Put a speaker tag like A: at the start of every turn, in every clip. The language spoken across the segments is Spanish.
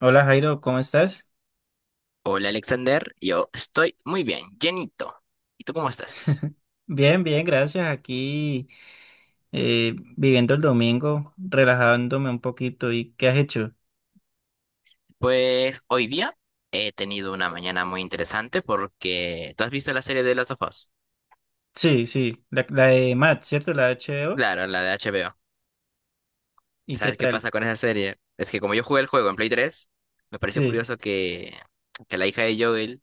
A: Hola Jairo, ¿cómo estás?
B: Hola Alexander, yo estoy muy bien, llenito. ¿Y tú cómo estás?
A: Bien, bien, gracias. Aquí viviendo el domingo, relajándome un poquito. ¿Y qué has hecho?
B: Pues hoy día he tenido una mañana muy interesante porque, ¿tú has visto la serie de Last of Us?
A: Sí, sí, la de Matt, ¿cierto? La de HBO.
B: Claro, la de HBO.
A: ¿Y qué
B: ¿Sabes qué
A: tal?
B: pasa con esa serie? Es que como yo jugué el juego en Play 3, me pareció
A: Sí.
B: curioso que la hija de Joel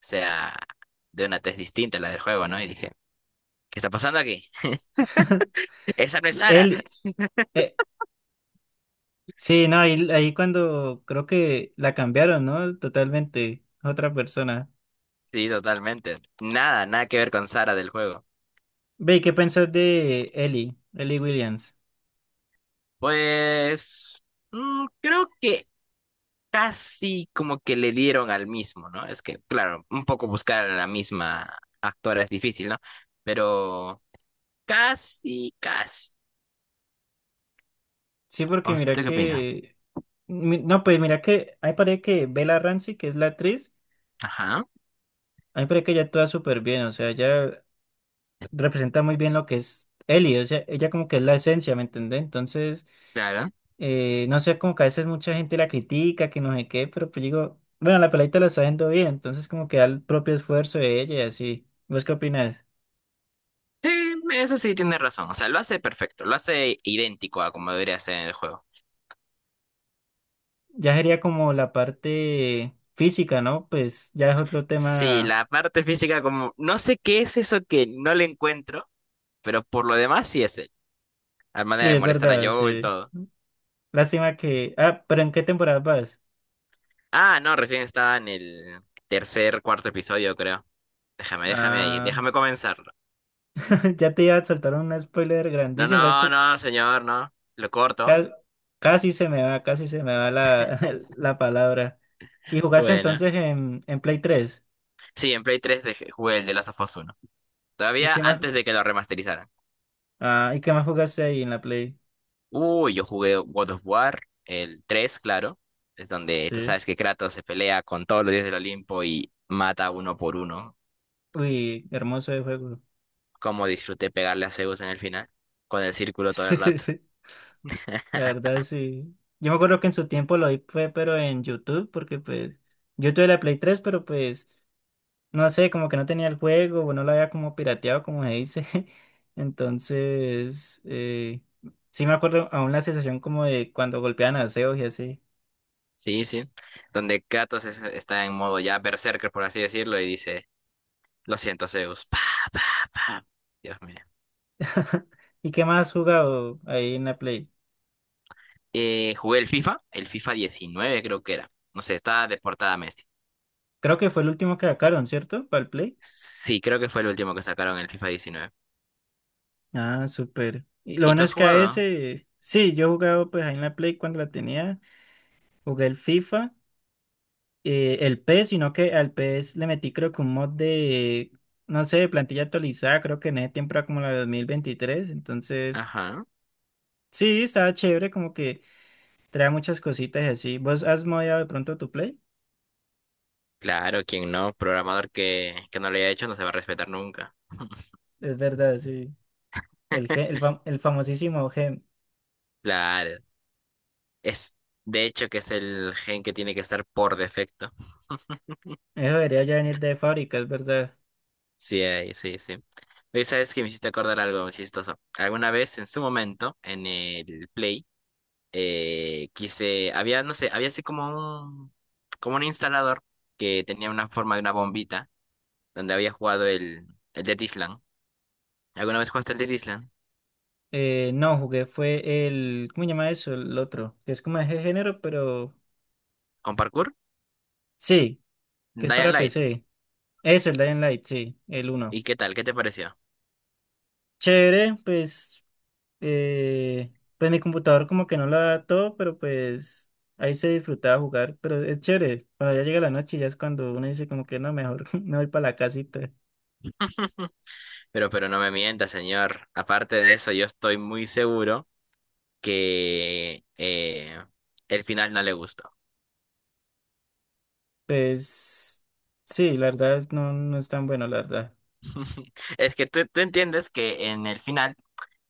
B: sea de una tez distinta a la del juego, ¿no? Y dije, ¿qué está pasando aquí? ¡Esa no es Sara!
A: Él, eh, sí, no, ahí cuando creo que la cambiaron, ¿no? Totalmente, otra persona.
B: Sí, totalmente. Nada, nada que ver con Sara del juego.
A: Ve, ¿y qué pensás de Ellie Williams?
B: Pues. Creo que casi como que le dieron al mismo, ¿no? Es que, claro, un poco buscar a la misma actora es difícil, ¿no? Pero casi, casi.
A: Sí, porque mira
B: ¿Usted qué opina?
A: que, no, pues mira que, ahí parece que Bella Ramsey, que es la actriz.
B: Ajá,
A: A mí me parece que ella actúa súper bien, o sea, ella representa muy bien lo que es Ellie, o sea, ella como que es la esencia, ¿me entendés? Entonces,
B: claro.
A: no sé, como que a veces mucha gente la critica, que no sé qué, pero pues digo, bueno, la peladita la está haciendo bien, entonces como que da el propio esfuerzo de ella y así. ¿Vos qué opinas?
B: Sí, eso sí tiene razón. O sea, lo hace perfecto, lo hace idéntico a como debería ser en el juego.
A: Ya sería como la parte física, ¿no? Pues ya es otro
B: Sí,
A: tema.
B: la parte física como, no sé qué es eso que no le encuentro, pero por lo demás sí es él. La
A: Sí,
B: manera de
A: es
B: molestar a
A: verdad,
B: Joel,
A: sí.
B: todo.
A: Lástima que... Ah, pero ¿en qué temporada vas?
B: Ah, no, recién estaba en el tercer, cuarto episodio, creo. Déjame, déjame ahí,
A: Ah,
B: déjame comenzarlo.
A: ya te iba a soltar un spoiler
B: No,
A: grandísimo.
B: no, no, señor, no. Lo corto.
A: Ca- Casi se me va, casi se me va la, la palabra. ¿Y jugaste
B: Bueno.
A: entonces en, Play 3?
B: Sí, en Play 3 jugué el de Last of Us 1.
A: ¿Y
B: Todavía
A: qué más?
B: antes de que lo remasterizaran.
A: Ah, ¿y qué más jugaste ahí en la Play?
B: Uy, yo jugué God of War, el 3, claro. Es donde tú
A: Sí.
B: sabes que Kratos se pelea con todos los dioses del Olimpo y mata uno por uno.
A: Uy, hermoso de juego.
B: Cómo disfruté pegarle a Zeus en el final, con el círculo todo el rato.
A: Sí. La verdad, sí. Yo me acuerdo que en su tiempo lo vi fue, pero en YouTube, porque pues yo tuve la Play 3, pero pues no sé, como que no tenía el juego, o no lo había como pirateado, como se dice. Entonces, sí me acuerdo aún la sensación como de cuando golpeaban a Zeus y así.
B: Sí, sí. Donde Kratos está en modo ya berserker, por así decirlo, y dice, lo siento, Zeus. Pa, pa, pa. Dios mío.
A: ¿Y qué más has jugado ahí en la Play?
B: Jugué el FIFA 19 creo que era. No sé, estaba de portada Messi.
A: Creo que fue el último que sacaron, ¿cierto? Para el Play.
B: Sí, creo que fue el último que sacaron el FIFA 19.
A: Ah, súper. Y lo
B: ¿Y
A: bueno
B: tú has
A: es que a
B: jugado?
A: ese, sí, yo he jugado pues ahí en la Play cuando la tenía, jugué el FIFA, el PES, sino que al PES le metí creo que un mod de, no sé, de plantilla actualizada, creo que en ese tiempo era como la de 2023. Entonces
B: Ajá.
A: sí, estaba chévere, como que trae muchas cositas y así. ¿Vos has modeado de pronto tu Play?
B: Claro, quien no, programador que no lo haya hecho no se va a respetar nunca.
A: Es verdad, sí. El, Ge- el, fam- el famosísimo Gem.
B: Claro. Es, de hecho, que es el gen que tiene que estar por defecto.
A: Eso debería ya venir de fábrica, es verdad.
B: Sí, ahí, sí, sí. Oye, ¿sabes que me hiciste acordar algo muy chistoso? Alguna vez, en su momento, en el Play, había, no sé, había así como un instalador que tenía una forma de una bombita donde había jugado el Dead Island. ¿Alguna vez jugaste el Dead Island?
A: No, jugué fue el... ¿Cómo se llama eso? El otro. Que es como de ese género, pero...
B: ¿Con parkour?
A: Sí, que es
B: Dying
A: para
B: Light.
A: PC. Eso, el Dying Light, sí, el uno.
B: ¿Y qué tal? ¿Qué te pareció?
A: Chévere, pues... eh, pues mi computador como que no la da todo, pero pues... Ahí se disfrutaba jugar, pero es chévere. Cuando ya llega la noche, ya es cuando uno dice como que no, mejor me voy para la casita.
B: Pero no me mientas, señor. Aparte de eso, yo estoy muy seguro que, el final no le gustó.
A: Pues... Sí, la verdad no, no es tan bueno, la verdad.
B: Es que tú entiendes que en el final,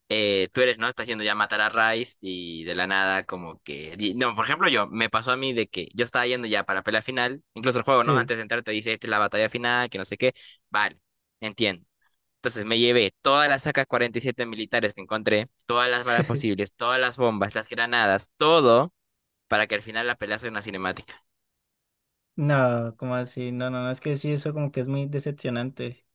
B: tú eres, ¿no? Estás yendo ya a matar a Rice y de la nada, como que no, por ejemplo, me pasó a mí de que yo estaba yendo ya para pelea final, incluso el juego, ¿no?
A: Sí.
B: Antes de entrar te dice, esta es la batalla final, que no sé qué. Vale, entiendo. Entonces me llevé todas las sacas 47 militares que encontré, todas las balas posibles, todas las bombas, las granadas, todo para que al final la pelea sea una cinemática.
A: No, como así? No, no, no, es que sí, eso como que es muy decepcionante.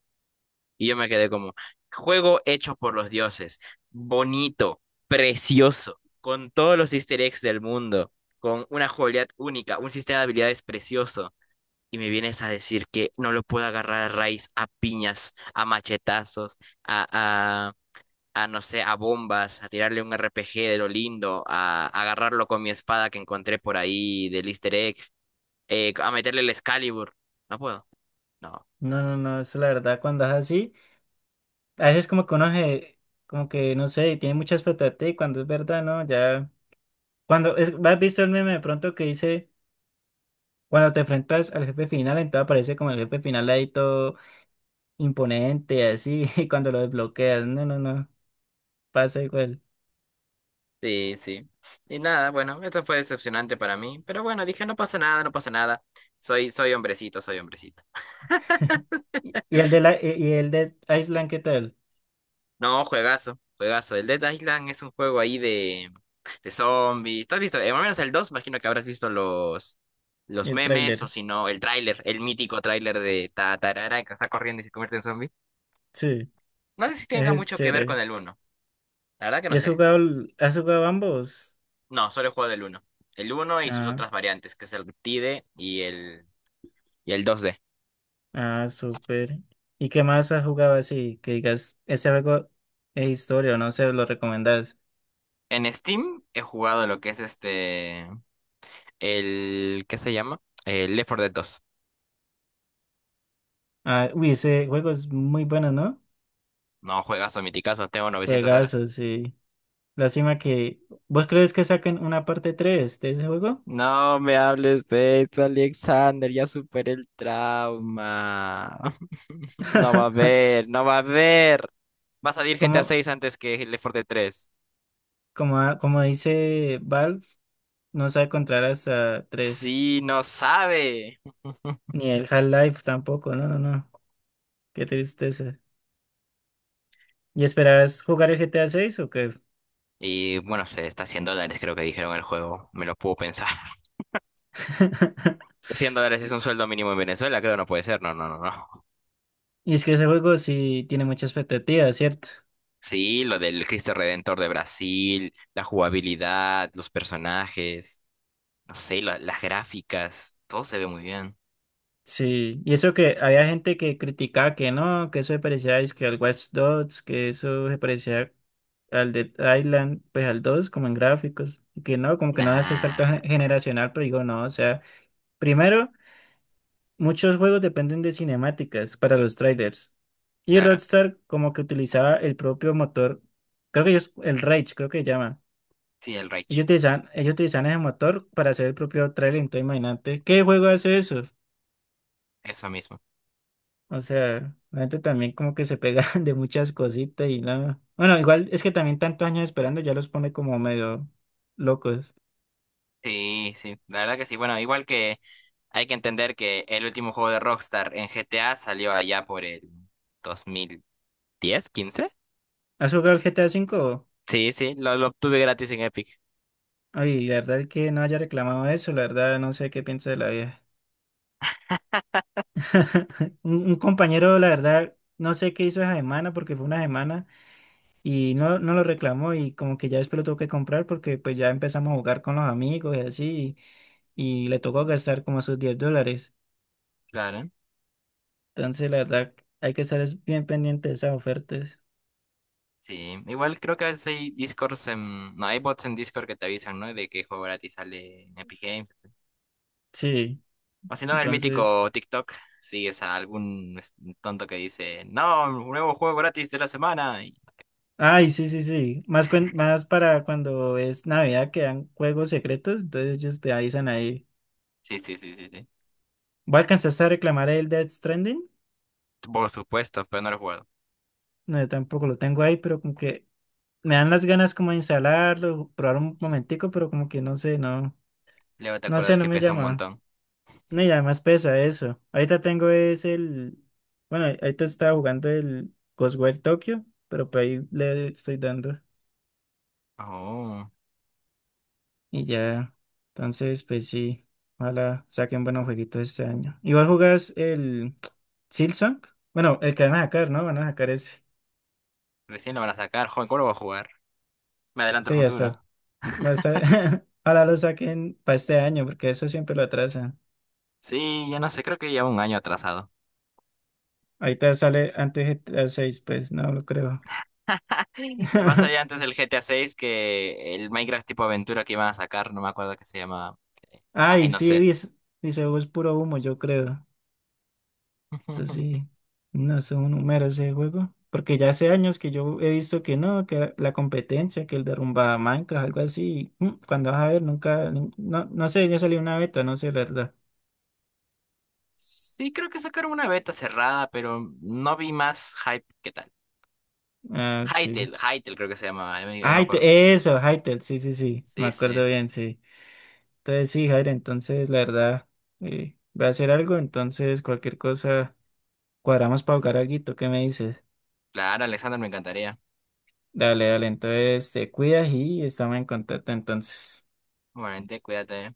B: Y yo me quedé como, juego hecho por los dioses, bonito, precioso, con todos los easter eggs del mundo, con una jugabilidad única, un sistema de habilidades precioso. Y me vienes a decir que no lo puedo agarrar a raíz, a piñas, a machetazos, a, a, a no sé, a bombas, a tirarle un RPG de lo lindo, a agarrarlo con mi espada que encontré por ahí del easter egg, a meterle el Excalibur. No puedo. No.
A: No, no, no, eso la verdad, cuando es así, a veces como que como que no sé, tiene mucha expectativa y cuando es verdad, ¿no? Ya, cuando es, ¿has visto el meme de pronto que dice, cuando te enfrentas al jefe final, entonces aparece como el jefe final ahí todo imponente, así, y cuando lo desbloqueas, no, no, no, pasa igual.
B: Sí, sí. Y nada, bueno, eso fue decepcionante para mí. Pero bueno, dije, no pasa nada, no pasa nada. Soy, soy hombrecito, soy hombrecito.
A: Y el de la, y el de Island, ¿qué tal?
B: No, juegazo, juegazo. El Dead Island es un juego ahí de zombies. ¿Tú has visto? Más o menos el dos, imagino que habrás visto los
A: El
B: memes, o
A: tráiler.
B: si no, el tráiler, el mítico tráiler de ta tarara que está corriendo y se convierte en zombie.
A: Sí,
B: No sé si tenga
A: ese es
B: mucho que ver con
A: chévere.
B: el uno. La verdad que
A: ¿Y
B: no
A: has
B: sé.
A: jugado, has jugado ambos?
B: No, solo he jugado el 1. El uno y sus
A: Ah.
B: otras variantes, que es el T TIDE y el 2D.
A: Ah, súper. ¿Y qué más has jugado así? Que digas, ese juego es historia, o no sé, lo recomendás.
B: En Steam he jugado lo que es este, el, ¿qué se llama? El Left 4 Dead 2.
A: Ah, uy, ese juego es muy bueno, ¿no?
B: No, juegazo, miticazo, tengo 900 horas.
A: Juegazo, sí. Lástima que... ¿Vos crees que saquen una parte 3 de ese juego?
B: No me hables de esto, Alexander, ya superé el trauma. No va a haber, no va a haber. Va a salir G T a
A: Como,
B: 6 antes que el Left 4 Dead 3.
A: como dice Valve, no sabe contar hasta tres.
B: Sí, no sabe.
A: Ni el Half-Life tampoco, no, no, no. Qué tristeza. ¿Y esperás jugar el GTA 6 o qué?
B: Y bueno, se está a dólares, creo que dijeron el juego. Me lo puedo pensar. $100 es un sueldo mínimo en Venezuela, creo, no puede ser. No, no, no, no.
A: Y es que ese juego sí tiene mucha expectativa, ¿cierto?
B: Sí, lo del Cristo Redentor de Brasil, la jugabilidad, los personajes, no sé, las gráficas, todo se ve muy bien.
A: Sí, y eso que había gente que criticaba que no, que eso se parecía es que al Watch Dogs, que eso se parecía al Dead Island, pues al 2 como en gráficos, y que no, como que no hace salto
B: Nah,
A: generacional, pero digo no, o sea, primero, muchos juegos dependen de cinemáticas para los trailers, y
B: claro.
A: Rockstar como que utilizaba el propio motor, creo que ellos, el Rage creo que se llama,
B: Sí, el Rage,
A: ellos utilizaban ese motor para hacer el propio trailer, entonces imagínate, ¿qué juego hace eso?
B: eso mismo.
A: O sea, la gente también como que se pega de muchas cositas y nada. Bueno, igual es que también tantos años esperando ya los pone como medio locos.
B: Sí, sí, la verdad que sí. Bueno, igual que hay que entender que el último juego de Rockstar en GTA salió allá por el 2010, 15.
A: ¿Has jugado el GTA 5?
B: Sí, sí, lo obtuve gratis en Epic.
A: Ay, la verdad es que no haya reclamado eso, la verdad no sé qué piensa de la vieja. Un compañero, la verdad, no sé qué hizo esa semana porque fue una semana y no, no lo reclamó y como que ya después lo tuvo que comprar porque pues ya empezamos a jugar con los amigos y así y le tocó gastar como sus 10 dólares.
B: Claro.
A: Entonces, la verdad, hay que estar bien pendiente de esas ofertas.
B: Sí, igual creo que a veces hay Discords en... No, hay bots en Discord que te avisan, ¿no? De qué juego gratis sale en Epic Games.
A: Sí,
B: O si no, el
A: entonces.
B: mítico TikTok, sigues a algún tonto que dice, no, un nuevo juego gratis de la semana.
A: Ay, sí, sí, sí. Más, más para cuando es Navidad que dan juegos secretos, entonces ellos te avisan ahí.
B: Sí, sí, sí, sí, sí.
A: ¿Voy a alcanzar a reclamar el Death Stranding?
B: Por supuesto, pero no lo he jugado.
A: No, yo tampoco lo tengo ahí, pero como que me dan las ganas como de instalarlo, probar un momentico, pero como que no sé, no,
B: Luego te
A: no sé,
B: acuerdas
A: no
B: que
A: me
B: pesa un
A: llama.
B: montón.
A: No, y además pesa eso. Ahorita tengo es el, bueno, ahorita estaba jugando el Ghostwire Tokyo, pero por ahí le estoy dando.
B: Oh,
A: Y ya, entonces, pues sí, ojalá saquen buenos jueguitos este año. Igual jugás el Silksong, bueno, el que van a sacar, ¿no? Van a sacar ese.
B: recién lo van a sacar, joven, ¿cómo lo voy a jugar? Me adelanto el
A: Sí, ya está.
B: futuro.
A: Va a estar. Ojalá lo saquen para este año, porque eso siempre lo atrasan.
B: Sí, ya no sé, creo que lleva un año atrasado.
A: Ahorita sale antes GTA 6, pues no lo creo.
B: Más allá antes del GTA 6 que el Minecraft tipo aventura que iban a sacar, no me acuerdo qué se llama. Ay,
A: Ay,
B: no
A: sí,
B: sé.
A: dice, es puro humo, yo creo. Eso sí, no es un número ese juego. Porque ya hace años que yo he visto que no, que la competencia, que el derrumba Minecraft, algo así. Cuando vas a ver, nunca, no, no sé, ya salió una beta, no sé, la verdad.
B: Sí, creo que sacaron una beta cerrada, pero no vi más hype que tal.
A: Ah, sí.
B: Hytale, Hytale creo que se llamaba, ya me acuerdo.
A: Hytale, eso, Hytale, sí, sí, sí, me
B: Sí,
A: acuerdo
B: sí.
A: bien, sí. Entonces sí, Jair, entonces la verdad, voy a hacer algo, entonces cualquier cosa, cuadramos para jugar alguito, ¿qué me dices?
B: Claro, Alexander, me encantaría.
A: Dale, dale, entonces te cuidas y estamos en contacto entonces.
B: Igualmente, cuídate. ¿Eh?